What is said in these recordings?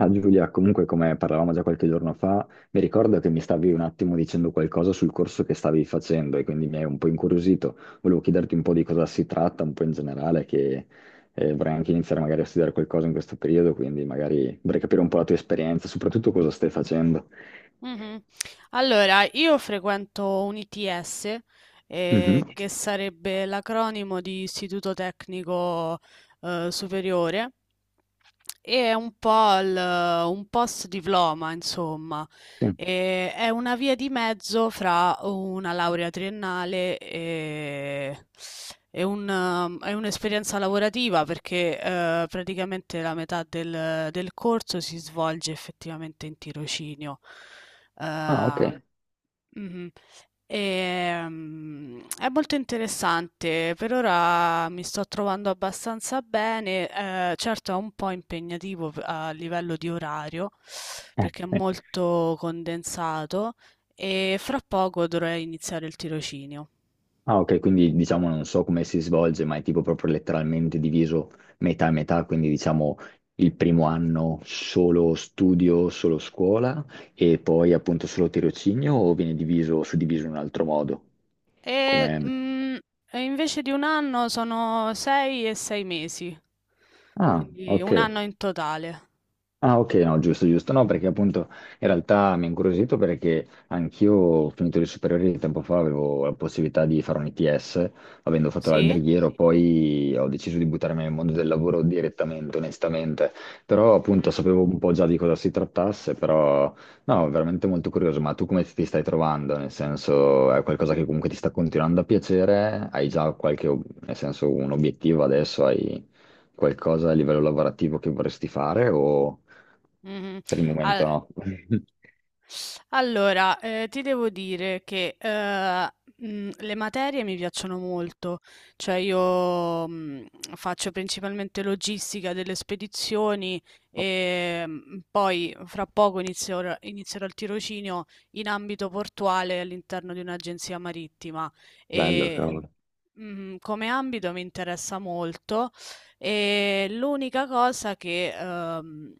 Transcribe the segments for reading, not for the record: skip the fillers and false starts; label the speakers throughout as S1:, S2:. S1: Ah, Giulia, comunque come parlavamo già qualche giorno fa, mi ricordo che mi stavi un attimo dicendo qualcosa sul corso che stavi facendo e quindi mi hai un po' incuriosito. Volevo chiederti un po' di cosa si tratta, un po' in generale, che vorrei anche iniziare magari a studiare qualcosa in questo periodo, quindi magari vorrei capire un po' la tua esperienza, soprattutto cosa stai facendo.
S2: Mh-mh. Allora, io frequento un ITS,
S1: Mhm,
S2: che sarebbe l'acronimo di Istituto Tecnico, Superiore e è un po' un post-diploma, insomma.
S1: sì.
S2: E è una via di mezzo fra una laurea triennale e un'esperienza lavorativa, perché praticamente la metà del corso si svolge effettivamente in tirocinio.
S1: Ah, ok.
S2: Ehm, Mhm. È molto interessante, per ora mi sto trovando abbastanza bene, certo è un po' impegnativo a livello di orario perché è
S1: Eh.
S2: molto condensato e fra poco dovrei iniziare il tirocinio.
S1: Ah, ok, quindi diciamo non so come si svolge, ma è tipo proprio letteralmente diviso metà e metà, quindi diciamo il primo anno solo studio, solo scuola e poi appunto solo tirocinio o viene diviso, suddiviso in un altro modo?
S2: E,
S1: Come?
S2: mm, e invece di un anno sono 6 e 6 mesi,
S1: Ah,
S2: quindi
S1: ok.
S2: un anno in totale.
S1: Ah, ok, no, giusto, giusto. No, perché appunto in realtà mi ha incuriosito perché anch'io, ho finito le superiori tempo fa, avevo la possibilità di fare un ITS, avendo fatto
S2: Sì?
S1: l'alberghiero, poi ho deciso di buttarmi nel mondo del lavoro direttamente, onestamente. Però appunto
S2: Mhm.
S1: sapevo un po' già di cosa si trattasse, però no, veramente molto curioso. Ma tu come ti stai trovando? Nel senso, è qualcosa che comunque ti sta continuando a piacere? Hai già nel senso, un obiettivo adesso? Hai qualcosa a livello lavorativo che vorresti fare o?
S2: Mhm.
S1: Per il momento
S2: Al-
S1: no.
S2: Allora, ti devo dire che, le materie mi piacciono molto, cioè io, faccio principalmente logistica delle spedizioni, poi fra poco inizierò il tirocinio in ambito portuale all'interno di un'agenzia marittima,
S1: Bello,
S2: e
S1: cavolo.
S2: Come ambito mi interessa molto e l'unica cosa che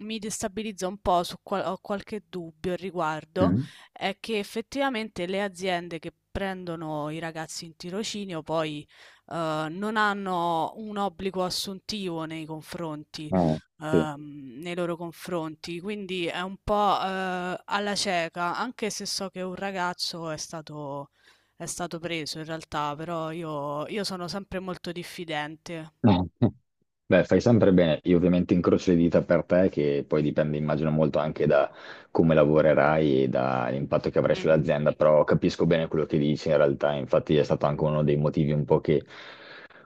S2: mi destabilizza un po', ho qualche dubbio al riguardo,
S1: Mm.
S2: è che effettivamente le aziende che prendono i ragazzi in tirocinio poi non hanno un obbligo assuntivo
S1: Ah, sì.
S2: nei loro confronti, quindi è un po' alla cieca, anche se so che un ragazzo è stato preso in realtà, però io sono sempre molto diffidente.
S1: Beh, fai sempre bene. Io ovviamente incrocio le dita per te, che poi dipende, immagino, molto anche da come lavorerai e dall'impatto che avrai
S2: Mh-mh.
S1: sull'azienda, però capisco bene quello che dici in realtà. Infatti è stato anche uno dei motivi un po' che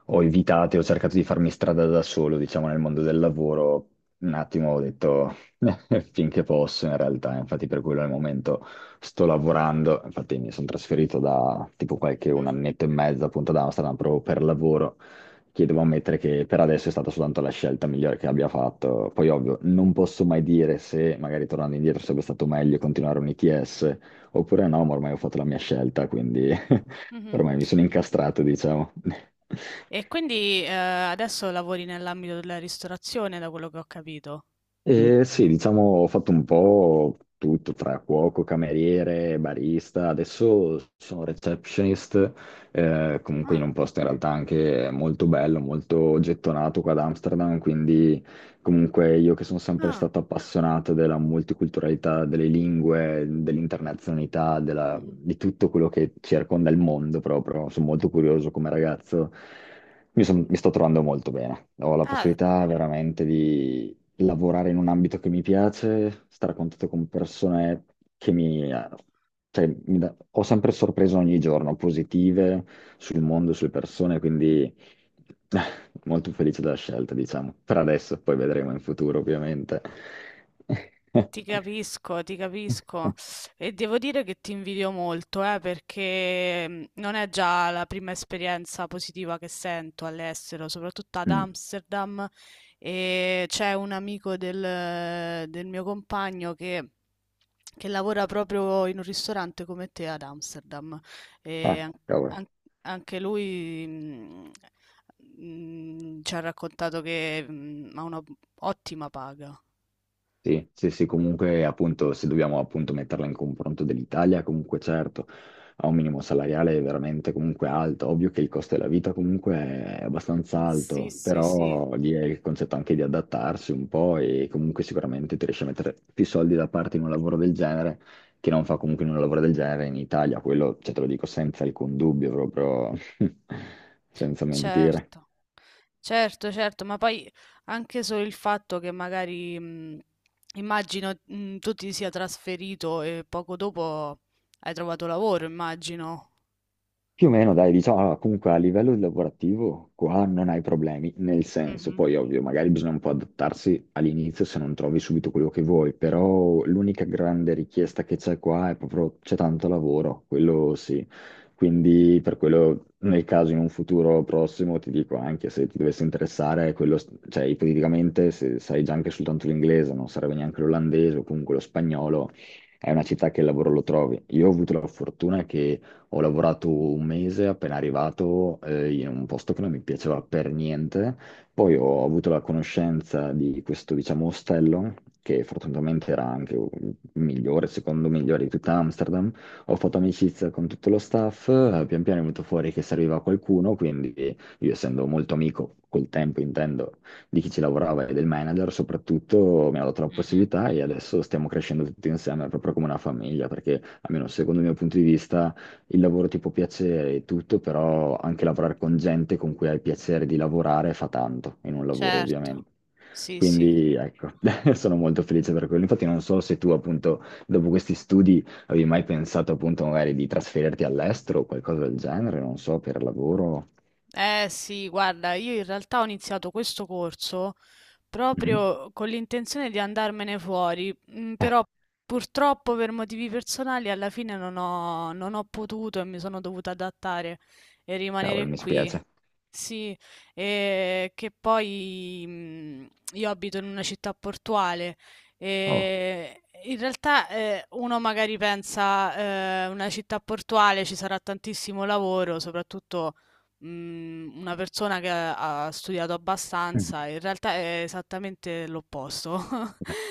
S1: ho cercato di farmi strada da solo, diciamo, nel mondo del lavoro. Un attimo ho detto finché posso, in realtà, infatti per quello al momento sto lavorando, infatti mi sono trasferito da tipo qualche un
S2: Mh-mh,
S1: annetto e mezzo appunto ad Amsterdam proprio per lavoro, che devo ammettere che per adesso è stata soltanto la scelta migliore che abbia fatto. Poi ovvio, non posso mai dire se magari tornando indietro sarebbe stato meglio continuare un ITS oppure no, ma ormai ho fatto la mia scelta, quindi
S2: mh-mh.
S1: ormai mi sono incastrato, diciamo.
S2: E quindi, adesso lavori nell'ambito della ristorazione da quello che ho capito.
S1: E sì, diciamo, ho fatto un po' tutto tra cuoco, cameriere, barista. Adesso sono receptionist, comunque in
S2: Ah,
S1: un posto in realtà anche molto bello, molto gettonato qua ad Amsterdam. Quindi, comunque, io che sono sempre
S2: ah,
S1: stato appassionato della multiculturalità, delle lingue, dell'internazionalità,
S2: mh-mh.
S1: di tutto quello che circonda il mondo proprio. Sono molto curioso come ragazzo. Mi sto trovando molto bene. Ho la
S2: Ah,
S1: possibilità veramente lavorare in un ambito che mi piace, stare a contatto con persone che mi. Cioè, ho sempre sorpreso ogni giorno, positive sul mondo, sulle persone, quindi molto felice della scelta, diciamo. Per adesso, poi vedremo in futuro, ovviamente.
S2: ti capisco, ti capisco e devo dire che ti invidio molto, perché non è già la prima esperienza positiva che sento all'estero, soprattutto ad
S1: Mm.
S2: Amsterdam e c'è un amico del mio compagno che lavora proprio in un ristorante come te ad Amsterdam e
S1: Ah, cavolo.
S2: an- anche lui ci ha raccontato che ha una ottima paga.
S1: Sì, sì, sì, comunque appunto se dobbiamo appunto metterla in confronto dell'Italia, comunque certo ha un minimo salariale veramente comunque alto, ovvio che il costo della vita comunque è abbastanza
S2: Sì,
S1: alto,
S2: sì, sì.
S1: però lì è il concetto anche di adattarsi un po' e comunque sicuramente ti riesci a mettere più soldi da parte in un lavoro del genere che non fa comunque in un lavoro del genere in Italia, quello cioè, te lo dico senza alcun dubbio, proprio senza mentire.
S2: Certo, certo, certo, ma poi anche solo il fatto che magari immagino tu ti sia trasferito e poco dopo hai trovato lavoro, immagino.
S1: Più o meno, dai, diciamo, allora, comunque a livello lavorativo qua non hai problemi, nel senso,
S2: Mhm,
S1: poi ovvio, magari bisogna un po' adattarsi all'inizio se non trovi subito quello che vuoi, però l'unica grande richiesta che c'è qua è proprio c'è tanto lavoro, quello sì. Quindi per quello, nel caso in un futuro prossimo, ti dico anche se ti dovesse interessare, quello, cioè ipoteticamente se sai già anche soltanto l'inglese, non sarebbe neanche l'olandese o comunque lo spagnolo, è una città che il lavoro lo trovi. Io ho avuto la fortuna che ho lavorato un mese appena arrivato in un posto che non mi piaceva per niente. Poi ho avuto la conoscenza di questo, diciamo, ostello, che fortunatamente era anche il migliore, secondo migliore di tutta Amsterdam. Ho fatto amicizia con tutto lo staff, pian piano è venuto fuori che serviva qualcuno, quindi io essendo molto amico col tempo, intendo, di chi ci lavorava e del manager, soprattutto mi ha dato la
S2: mhm,
S1: possibilità e adesso stiamo crescendo tutti insieme, proprio come una famiglia, perché almeno secondo il mio punto di vista il lavoro ti può piacere e tutto, però anche lavorare con gente con cui hai piacere di lavorare fa tanto in un lavoro,
S2: certo,
S1: ovviamente.
S2: sì, sì.
S1: Quindi ecco, sono molto felice per quello. Infatti non so se tu appunto dopo questi studi avevi mai pensato appunto magari di trasferirti all'estero o qualcosa del genere, non so, per lavoro.
S2: Eh sì, guarda, io in realtà ho iniziato questo corso
S1: Mhm.
S2: proprio con l'intenzione di andarmene fuori,
S1: Eh,
S2: però purtroppo per motivi personali alla fine non ho potuto e mi sono dovuta adattare e
S1: Cavolo,
S2: rimanere
S1: mi
S2: qui.
S1: spiace.
S2: Sì, e che poi io abito in una città portuale
S1: Oh.
S2: e in realtà uno magari pensa una città portuale ci sarà tantissimo lavoro, soprattutto una persona che ha studiato abbastanza, in realtà è esattamente l'opposto.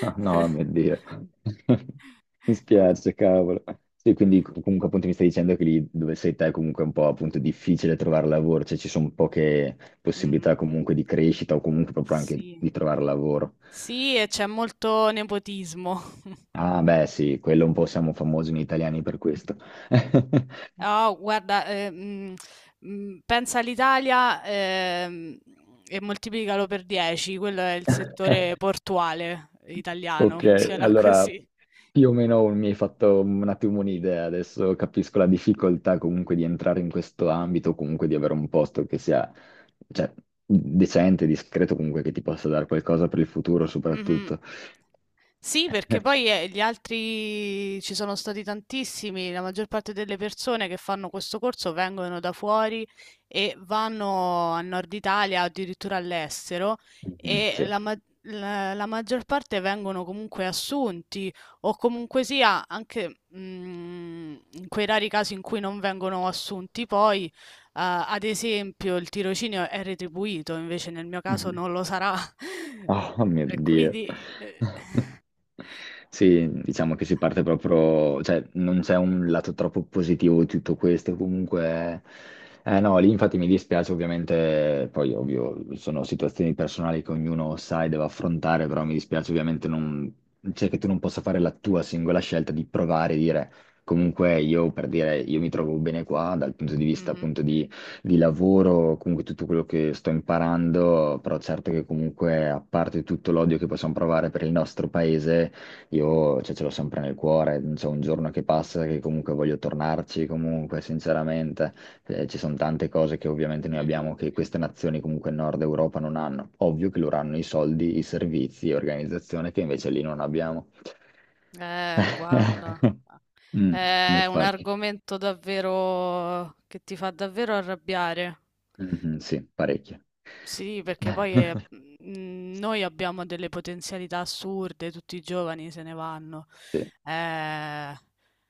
S1: Ah, no, mio Dio. Mi
S2: Cu-
S1: spiace, cavolo. Sì, quindi comunque appunto mi stai dicendo che lì dove sei te è comunque un po' appunto difficile trovare lavoro, cioè ci sono poche
S2: Mhm.
S1: possibilità comunque di crescita o comunque proprio anche
S2: Sì.
S1: di trovare lavoro.
S2: Sì, e c'è molto nepotismo.
S1: Ah, beh, sì, quello un po' siamo famosi noi italiani per questo.
S2: Oh, guarda, pensa all'Italia, e moltiplicalo per 10, quello è il settore portuale italiano,
S1: Ok,
S2: funziona
S1: allora
S2: così.
S1: più o meno mi hai fatto un attimo un'idea, adesso capisco la difficoltà comunque di entrare in questo ambito, comunque di avere un posto che sia, cioè, decente, discreto, comunque che ti possa dare qualcosa per il futuro
S2: Mhm.
S1: soprattutto.
S2: Sì, perché poi gli altri ci sono stati tantissimi, la maggior parte delle persone che fanno questo corso vengono da fuori e vanno a Nord Italia, addirittura all'estero,
S1: Mhm,
S2: e
S1: sì.
S2: la, ma- la- la maggior parte vengono comunque assunti o comunque sia, anche in quei rari casi in cui non vengono assunti, poi ad esempio il tirocinio è retribuito, invece nel mio caso non lo sarà.
S1: Oh mio
S2: E
S1: Dio.
S2: quindi. eh,
S1: Sì, diciamo che si parte proprio, cioè non c'è un lato troppo positivo di tutto questo, comunque, eh no, lì infatti mi dispiace ovviamente, poi ovvio sono situazioni personali che ognuno sa e deve affrontare, però mi dispiace ovviamente non, cioè che tu non possa fare la tua singola scelta di provare e dire comunque io per dire io mi trovo bene qua dal punto di vista
S2: Mh-mh,
S1: appunto di lavoro, comunque tutto quello che sto imparando, però certo che comunque a parte tutto l'odio che possiamo provare per il nostro paese, io cioè, ce l'ho sempre nel cuore, non c'è un giorno che passa che comunque voglio tornarci, comunque sinceramente ci sono tante cose che ovviamente noi
S2: mh-mh.
S1: abbiamo che queste nazioni comunque in Nord Europa non hanno. Ovvio che loro hanno i soldi, i servizi e organizzazione che invece lì non abbiamo.
S2: Guarda,
S1: Mm,
S2: è un
S1: infatti.
S2: argomento davvero che ti fa davvero arrabbiare.
S1: Mhm, sì, parecchio.
S2: Sì, perché poi, noi abbiamo delle potenzialità assurde, tutti i giovani se ne vanno.
S1: Sì.
S2: Eh,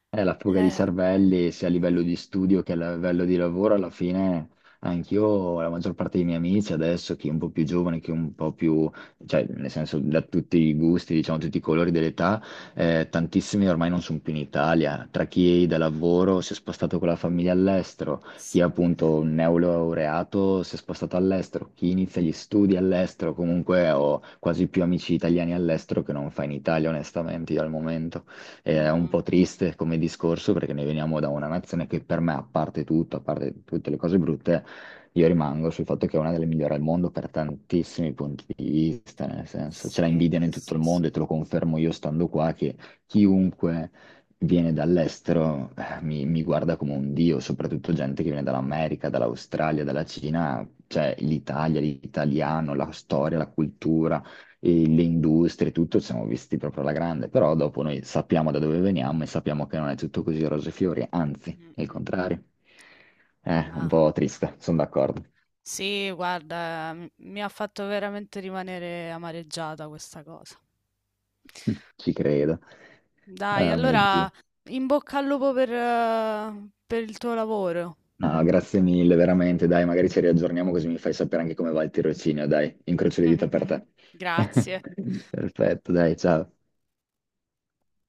S1: È la fuga di
S2: eh.
S1: cervelli sia a livello di studio che a livello di lavoro, alla fine anch'io, la maggior parte dei miei amici adesso, chi è un po' più giovane, chi è un po' più, cioè nel senso da tutti i gusti, diciamo tutti i colori dell'età,
S2: Mh-mh.
S1: tantissimi ormai non sono più in Italia, tra chi da lavoro si è spostato con la famiglia all'estero, chi è
S2: Sì.
S1: appunto un neolaureato si è spostato all'estero, chi inizia gli studi all'estero, comunque ho quasi più amici italiani all'estero che non fa in Italia, onestamente, io al momento. È un
S2: Mh-mh.
S1: po' triste come discorso perché noi veniamo da una nazione che per me, a parte tutto, a parte tutte le cose brutte, io rimango sul fatto che è una delle migliori al mondo per tantissimi punti di vista, nel senso ce la
S2: Sì,
S1: invidiano in tutto
S2: sì,
S1: il
S2: sì.
S1: mondo e te lo confermo io stando qua che chiunque viene dall'estero mi guarda come un dio, soprattutto gente che viene dall'America, dall'Australia, dalla Cina, cioè l'Italia, l'italiano, la storia, la cultura e le industrie, tutto, siamo visti proprio alla grande, però dopo noi sappiamo da dove veniamo e sappiamo che non è tutto così rose e fiori, anzi, è il
S2: Mh-mh.
S1: contrario. Un
S2: Ma
S1: po' triste, sono d'accordo,
S2: sì, guarda, m mi ha fatto veramente rimanere amareggiata questa cosa.
S1: ci credo.
S2: Dai,
S1: Ah, mio Dio.
S2: allora in bocca al lupo per il tuo lavoro.
S1: No, grazie mille, veramente, dai, magari ci riaggiorniamo così mi fai sapere anche come va il tirocinio, dai, incrocio le dita per te.
S2: Grazie.
S1: Perfetto, dai, ciao.